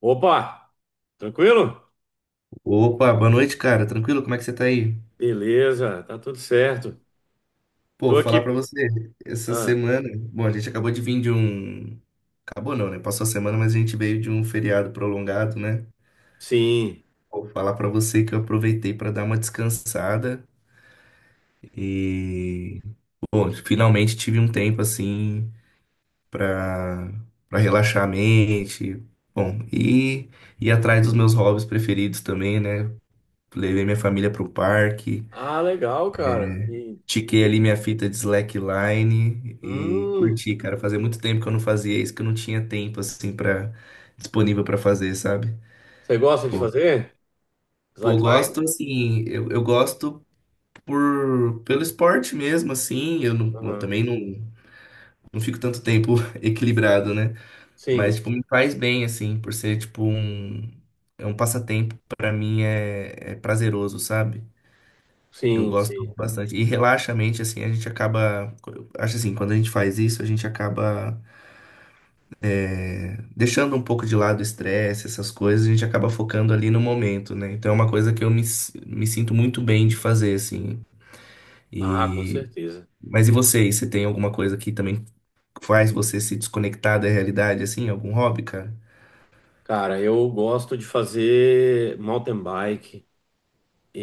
Opa, tranquilo? Opa, boa noite, cara. Tranquilo? Como é que você tá aí? Beleza, tá tudo certo. Pô, Tô aqui. falar pra você, essa Ah, semana, bom, a gente acabou de vir de um, acabou não, né? Passou a semana, mas a gente veio de um feriado prolongado, né? sim. Vou falar pra você que eu aproveitei pra dar uma descansada e, bom, finalmente tive um tempo assim pra para relaxar a mente, bom, e ir atrás dos meus hobbies preferidos também, né? Levei minha família pro parque. Ah, legal, cara. E Tiquei que- ali minha fita de slackline e hum, curti, cara. Fazia muito tempo que eu não fazia isso, que eu não tinha tempo, assim, para disponível pra fazer, sabe? você gosta de Pô, fazer? pô, eu gosto, Slackline? assim, eu gosto pelo esporte mesmo, assim. Eu, não, eu Aham. também não fico tanto tempo equilibrado, né? Mas, Sim, tipo, me faz bem, assim, por ser, tipo, um, é um passatempo, pra mim é prazeroso, sabe? Eu sim, gosto sim. bastante. E relaxa a mente, assim, a gente acaba. Eu Acho assim, quando a gente faz isso, a gente acaba deixando um pouco de lado o estresse, essas coisas, a gente acaba focando ali no momento, né? Então é uma coisa que me sinto muito bem de fazer, assim. Ah, com E... certeza. Mas e você? E você tem alguma coisa que também faz você se desconectar da realidade, assim? Algum hobby, cara? Cara, eu gosto de fazer mountain bike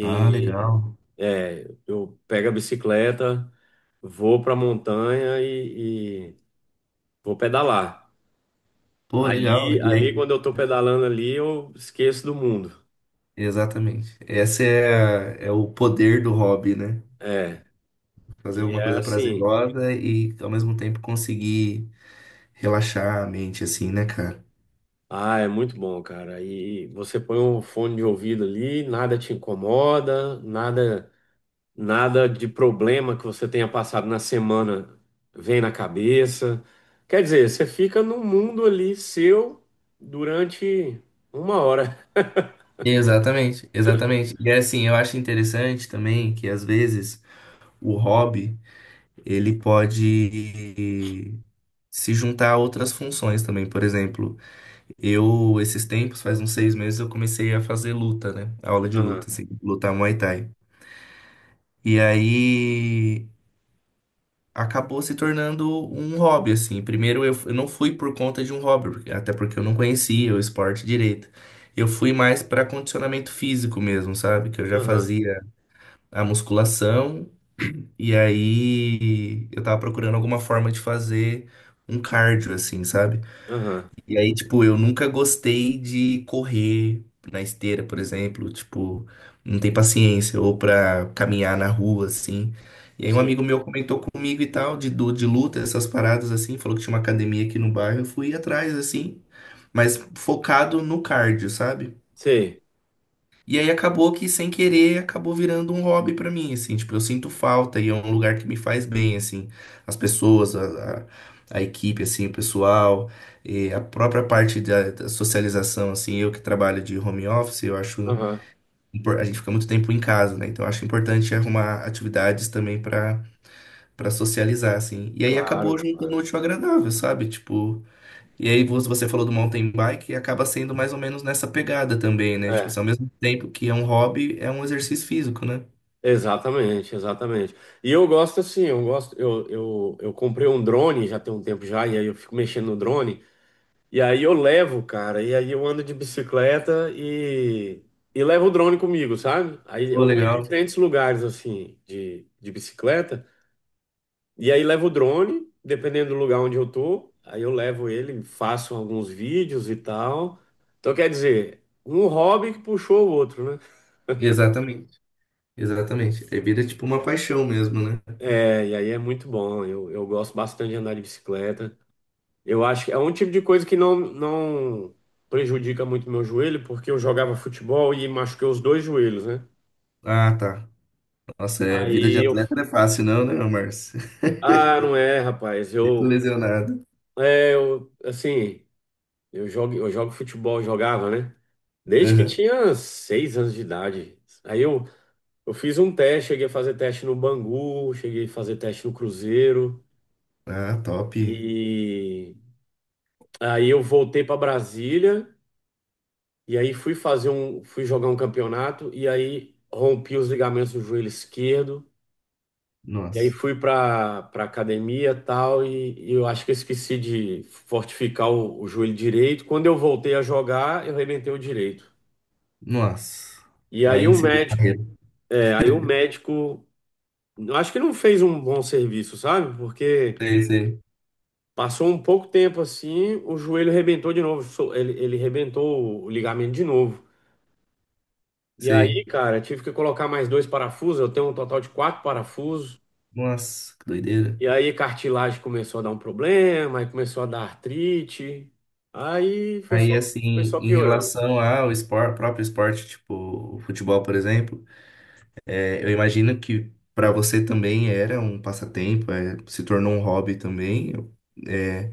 Ah, legal. Eu pego a bicicleta, vou pra montanha e vou pedalar. Pô, legal. Ali, E ali aí? quando eu tô pedalando ali, eu esqueço do mundo. Exatamente. É o poder do hobby, né? É, Fazer e alguma é coisa assim, prazerosa e ao mesmo tempo conseguir relaxar a mente, assim, né, cara? ah, é muito bom, cara. E você põe um fone de ouvido ali, nada te incomoda, nada, nada de problema que você tenha passado na semana vem na cabeça. Quer dizer, você fica num mundo ali seu durante uma hora. Exatamente, exatamente. E assim, eu acho interessante também que às vezes o hobby ele pode se juntar a outras funções também. Por exemplo, eu esses tempos, faz uns 6 meses, eu comecei a fazer luta, né? Aula de Aham, luta, assim, lutar Muay Thai. E aí acabou se tornando um hobby, assim. Primeiro eu não fui por conta de um hobby, porque- até porque eu não conhecia o esporte direito. Eu fui mais para condicionamento físico mesmo, sabe? Que eu já aham, fazia a musculação e aí eu tava procurando alguma forma de fazer um cardio, assim, sabe? aham. E aí, tipo, eu nunca gostei de correr na esteira, por exemplo, tipo, não tem paciência, ou pra caminhar na rua, assim. E aí um Sim, amigo meu comentou comigo e tal, de luta, essas paradas, assim, falou que tinha uma academia aqui no bairro, eu fui atrás, assim, mas focado no cardio, sabe? sei. E aí acabou que, sem querer, acabou virando um hobby pra mim, assim, tipo, eu sinto falta e é um lugar que me faz bem, assim, as pessoas, a equipe, assim, o pessoal, e a própria parte da socialização, assim, eu que trabalho de home office, eu acho, Aham, a gente fica muito tempo em casa, né, então eu acho importante arrumar atividades também pra para socializar, assim, e aí acabou claro, juntando claro. o útil ao agradável, sabe, tipo... E aí você falou do mountain bike e acaba sendo mais ou menos nessa pegada também, né? Tipo, é assim, ao mesmo tempo que é um hobby, é um exercício físico, né? Exatamente, exatamente. E eu gosto assim, eu gosto, eu comprei um drone já tem um tempo já, e aí eu fico mexendo no drone, e aí eu levo, cara, e aí eu ando de bicicleta e levo o drone comigo, sabe? Aí Pô, eu vou em legal. diferentes lugares assim, de bicicleta, e aí levo o drone, dependendo do lugar onde eu tô, aí eu levo ele, faço alguns vídeos e tal. Então quer dizer, um hobby que puxou o outro, né? Exatamente. Exatamente. É vida tipo uma paixão mesmo, né? É, e aí é muito bom. Eu gosto bastante de andar de bicicleta. Eu acho que é um tipo de coisa que não prejudica muito meu joelho, porque eu jogava futebol e machuquei os dois joelhos, né? Ah, tá. Nossa, é vida de Aí eu. Uhum. atleta não é fácil, não, né, Márcio? Ah, não é, rapaz. Tô Eu. lesionado. É, eu. Assim, eu jogo futebol, jogava, né? Desde que Aham. tinha 6 anos de idade. Aí eu fiz um teste, cheguei a fazer teste no Bangu, cheguei a fazer teste no Cruzeiro. Ah, top. E aí eu voltei para Brasília. E aí fui jogar um campeonato e aí rompi os ligamentos do joelho esquerdo. E aí Nossa. fui para academia tal e eu acho que eu esqueci de fortificar o joelho direito. Quando eu voltei a jogar, eu arrebentei o direito. Nossa. E Aí aí o encerrou a médico, carreira. aí o médico, eu acho que não fez um bom serviço, sabe? Porque Sei, sei, passou um pouco tempo assim, o joelho arrebentou de novo, ele arrebentou o ligamento de novo. E aí, sei. cara, tive que colocar mais dois parafusos. Eu tenho um total de quatro parafusos. Nossa, que doideira. E aí, cartilagem começou a dar um problema, aí começou a dar artrite. Aí foi Aí, só, assim, foi só em piorando. relação ao próprio esporte, tipo o futebol, por exemplo, é, eu imagino que para você também era um passatempo, é, se tornou um hobby também. É,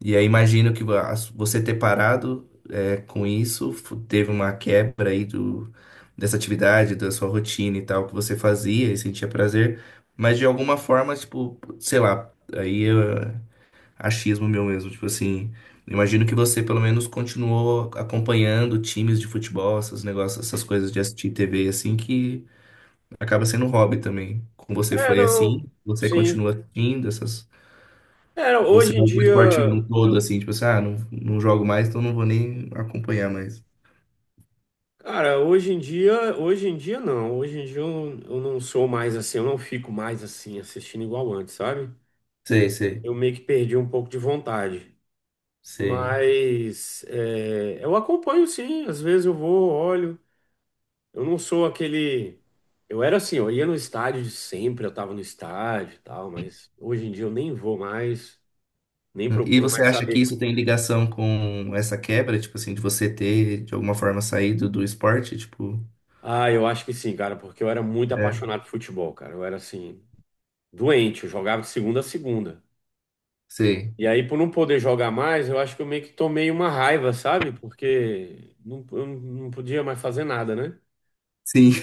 e aí, imagino que você ter parado, é, com isso, teve uma quebra aí do, dessa atividade, da sua rotina e tal, que você fazia e sentia prazer, mas de alguma forma, tipo, sei lá, aí achismo meu mesmo. Tipo assim, imagino que você pelo menos continuou acompanhando times de futebol, esses negócios, essas coisas de assistir TV, assim, que acaba sendo um hobby também. Com você É, foi não, assim, você sim. continua assistindo essas. É, Ou você hoje dá em algum dia, esporte no todo, assim, tipo assim, ah, não, não jogo mais, então não vou nem acompanhar mais. cara, hoje em dia não. Hoje em dia eu não sou mais assim, eu não fico mais assim, assistindo igual antes, sabe? Sei, sei, Eu meio que perdi um pouco de vontade. sei. Mas é, eu acompanho sim, às vezes eu vou, olho. Eu não sou aquele. Eu era assim, eu ia no estádio de sempre, eu tava no estádio e tal, mas hoje em dia eu nem vou mais, nem E procuro você mais acha que saber. isso tem ligação com essa quebra, tipo assim, de você ter, de alguma forma, saído do esporte? Tipo, Ah, eu acho que sim, cara, porque eu era muito é, apaixonado por futebol, cara. Eu era assim, doente, eu jogava de segunda a segunda. sei. E aí, por não poder jogar mais, eu acho que eu meio que tomei uma raiva, sabe? Porque não, eu não podia mais fazer nada, né? Sim,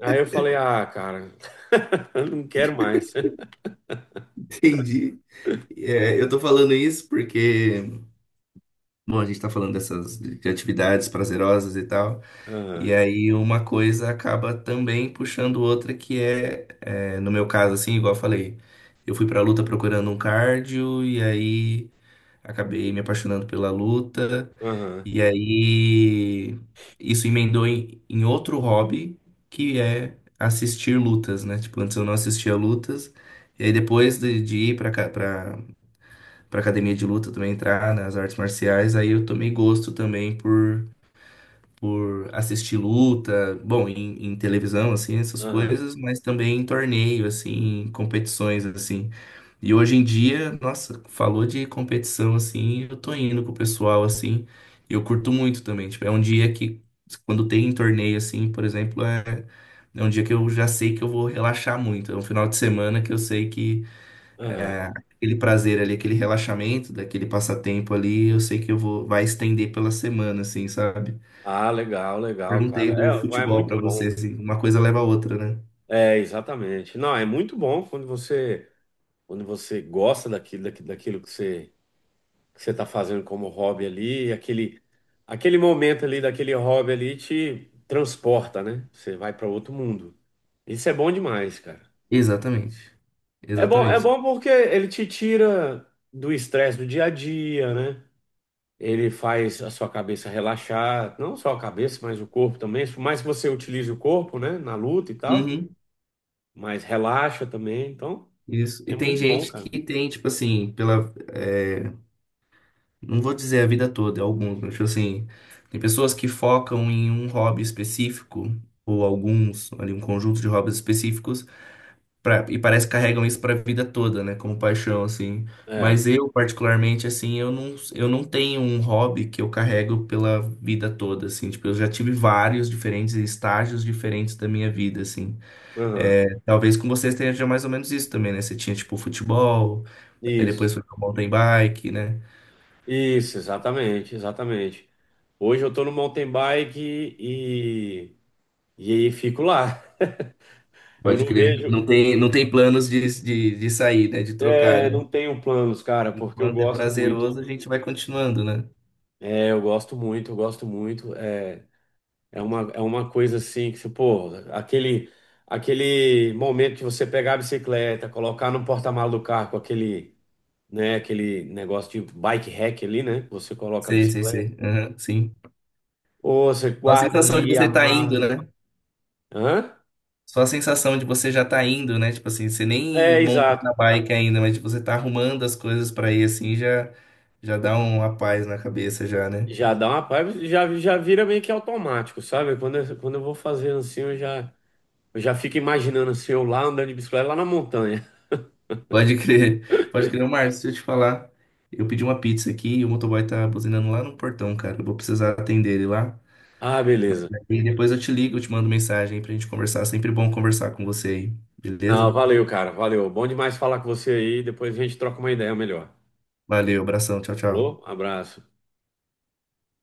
Aí eu falei, ah, cara, eu não quero mais. entendi. É, eu tô falando isso porque, bom, a gente tá falando dessas de atividades prazerosas e tal, e Aham, aí uma coisa acaba também puxando outra que no meu caso, assim, igual eu falei, eu fui pra luta procurando um cardio, e aí acabei me apaixonando pela luta, aham, e aí isso emendou em outro hobby, que é assistir lutas, né? Tipo, antes eu não assistia lutas, e aí depois de ir pra, cá- pra para academia de luta também entrar nas artes marciais, aí eu tomei gosto também por assistir luta, bom, em televisão, assim, essas aham, coisas, mas também em torneio, assim, em competições, assim. E hoje em dia, nossa, falou de competição, assim, eu tô indo com o pessoal, assim, e eu curto muito também, tipo, é um dia que, quando tem torneio, assim, por exemplo, é... É um dia que eu já sei que eu vou relaxar muito. É um final de semana que eu sei que aham. é, aquele prazer ali, aquele relaxamento, daquele passatempo ali, eu sei que vai estender pela semana, assim, sabe? Ah, legal, legal, cara. Perguntei do É futebol muito pra você, bom. assim, uma coisa leva a outra, né? É, exatamente. Não, é muito bom quando você, gosta daquilo, daquilo que você tá fazendo como hobby ali, aquele momento ali daquele hobby ali te transporta, né? Você vai para outro mundo. Isso é bom demais, cara. Exatamente. É bom, é Exatamente. bom porque ele te tira do estresse do dia a dia, né? Ele faz a sua cabeça relaxar, não só a cabeça, mas o corpo também. Por mais que você utilize o corpo, né, na luta e tal. Uhum, Mas relaxa também. Então, isso. E é tem muito bom, gente cara. que tem, tipo assim, não vou dizer a vida toda, é alguns, mas, tipo assim, tem pessoas que focam em um hobby específico, ou alguns, ali, um conjunto de hobbies específicos. E parece que carregam isso pra vida toda, né? Como paixão, assim. É, Mas eu, particularmente, assim, eu não tenho um hobby que eu carrego pela vida toda, assim. Tipo, eu já tive vários diferentes estágios diferentes da minha vida, assim. aham, É, talvez com vocês tenha mais ou menos isso também, né? Você tinha, tipo, futebol, aí Isso, depois foi pro mountain bike, né? isso, exatamente, exatamente. Hoje eu tô no mountain bike e aí fico lá. Eu Pode não crer. vejo, Não tem planos de sair, né? De trocar, né? não tenho planos, cara, porque eu Enquanto é gosto muito. prazeroso, a gente vai continuando, né? É, eu gosto muito, eu gosto muito. É uma coisa assim que, você, pô, aquele momento que você pegar a bicicleta, colocar no porta-malas do carro com aquele, né? Aquele negócio de bike rack ali, né? Você coloca a Sei, sei, bicicleta, sei. Aham, sim. ou você Só a guarda sensação de ali, você tá indo, amarra. né? Hã? Só a sensação de você já tá indo, né? Tipo assim, você nem É, montou exato. na bike ainda, mas tipo, você tá arrumando as coisas pra ir assim, já dá uma paz na cabeça já, né? Já dá uma paiva, já vira meio que automático, sabe? Quando eu vou fazer assim, eu já, fico imaginando assim, eu lá andando de bicicleta lá na montanha. Pode crer. Pode crer, ô, Marcos, deixa eu te falar. Eu pedi uma pizza aqui e o motoboy tá buzinando lá no portão, cara. Eu vou precisar atender ele lá. Ah, beleza. E depois eu te ligo, eu te mando mensagem pra gente conversar. Sempre bom conversar com você aí, Não, beleza? valeu, cara, valeu. Bom demais falar com você aí. Depois a gente troca uma ideia melhor. Valeu, abração, tchau, Falou? tchau. Abraço.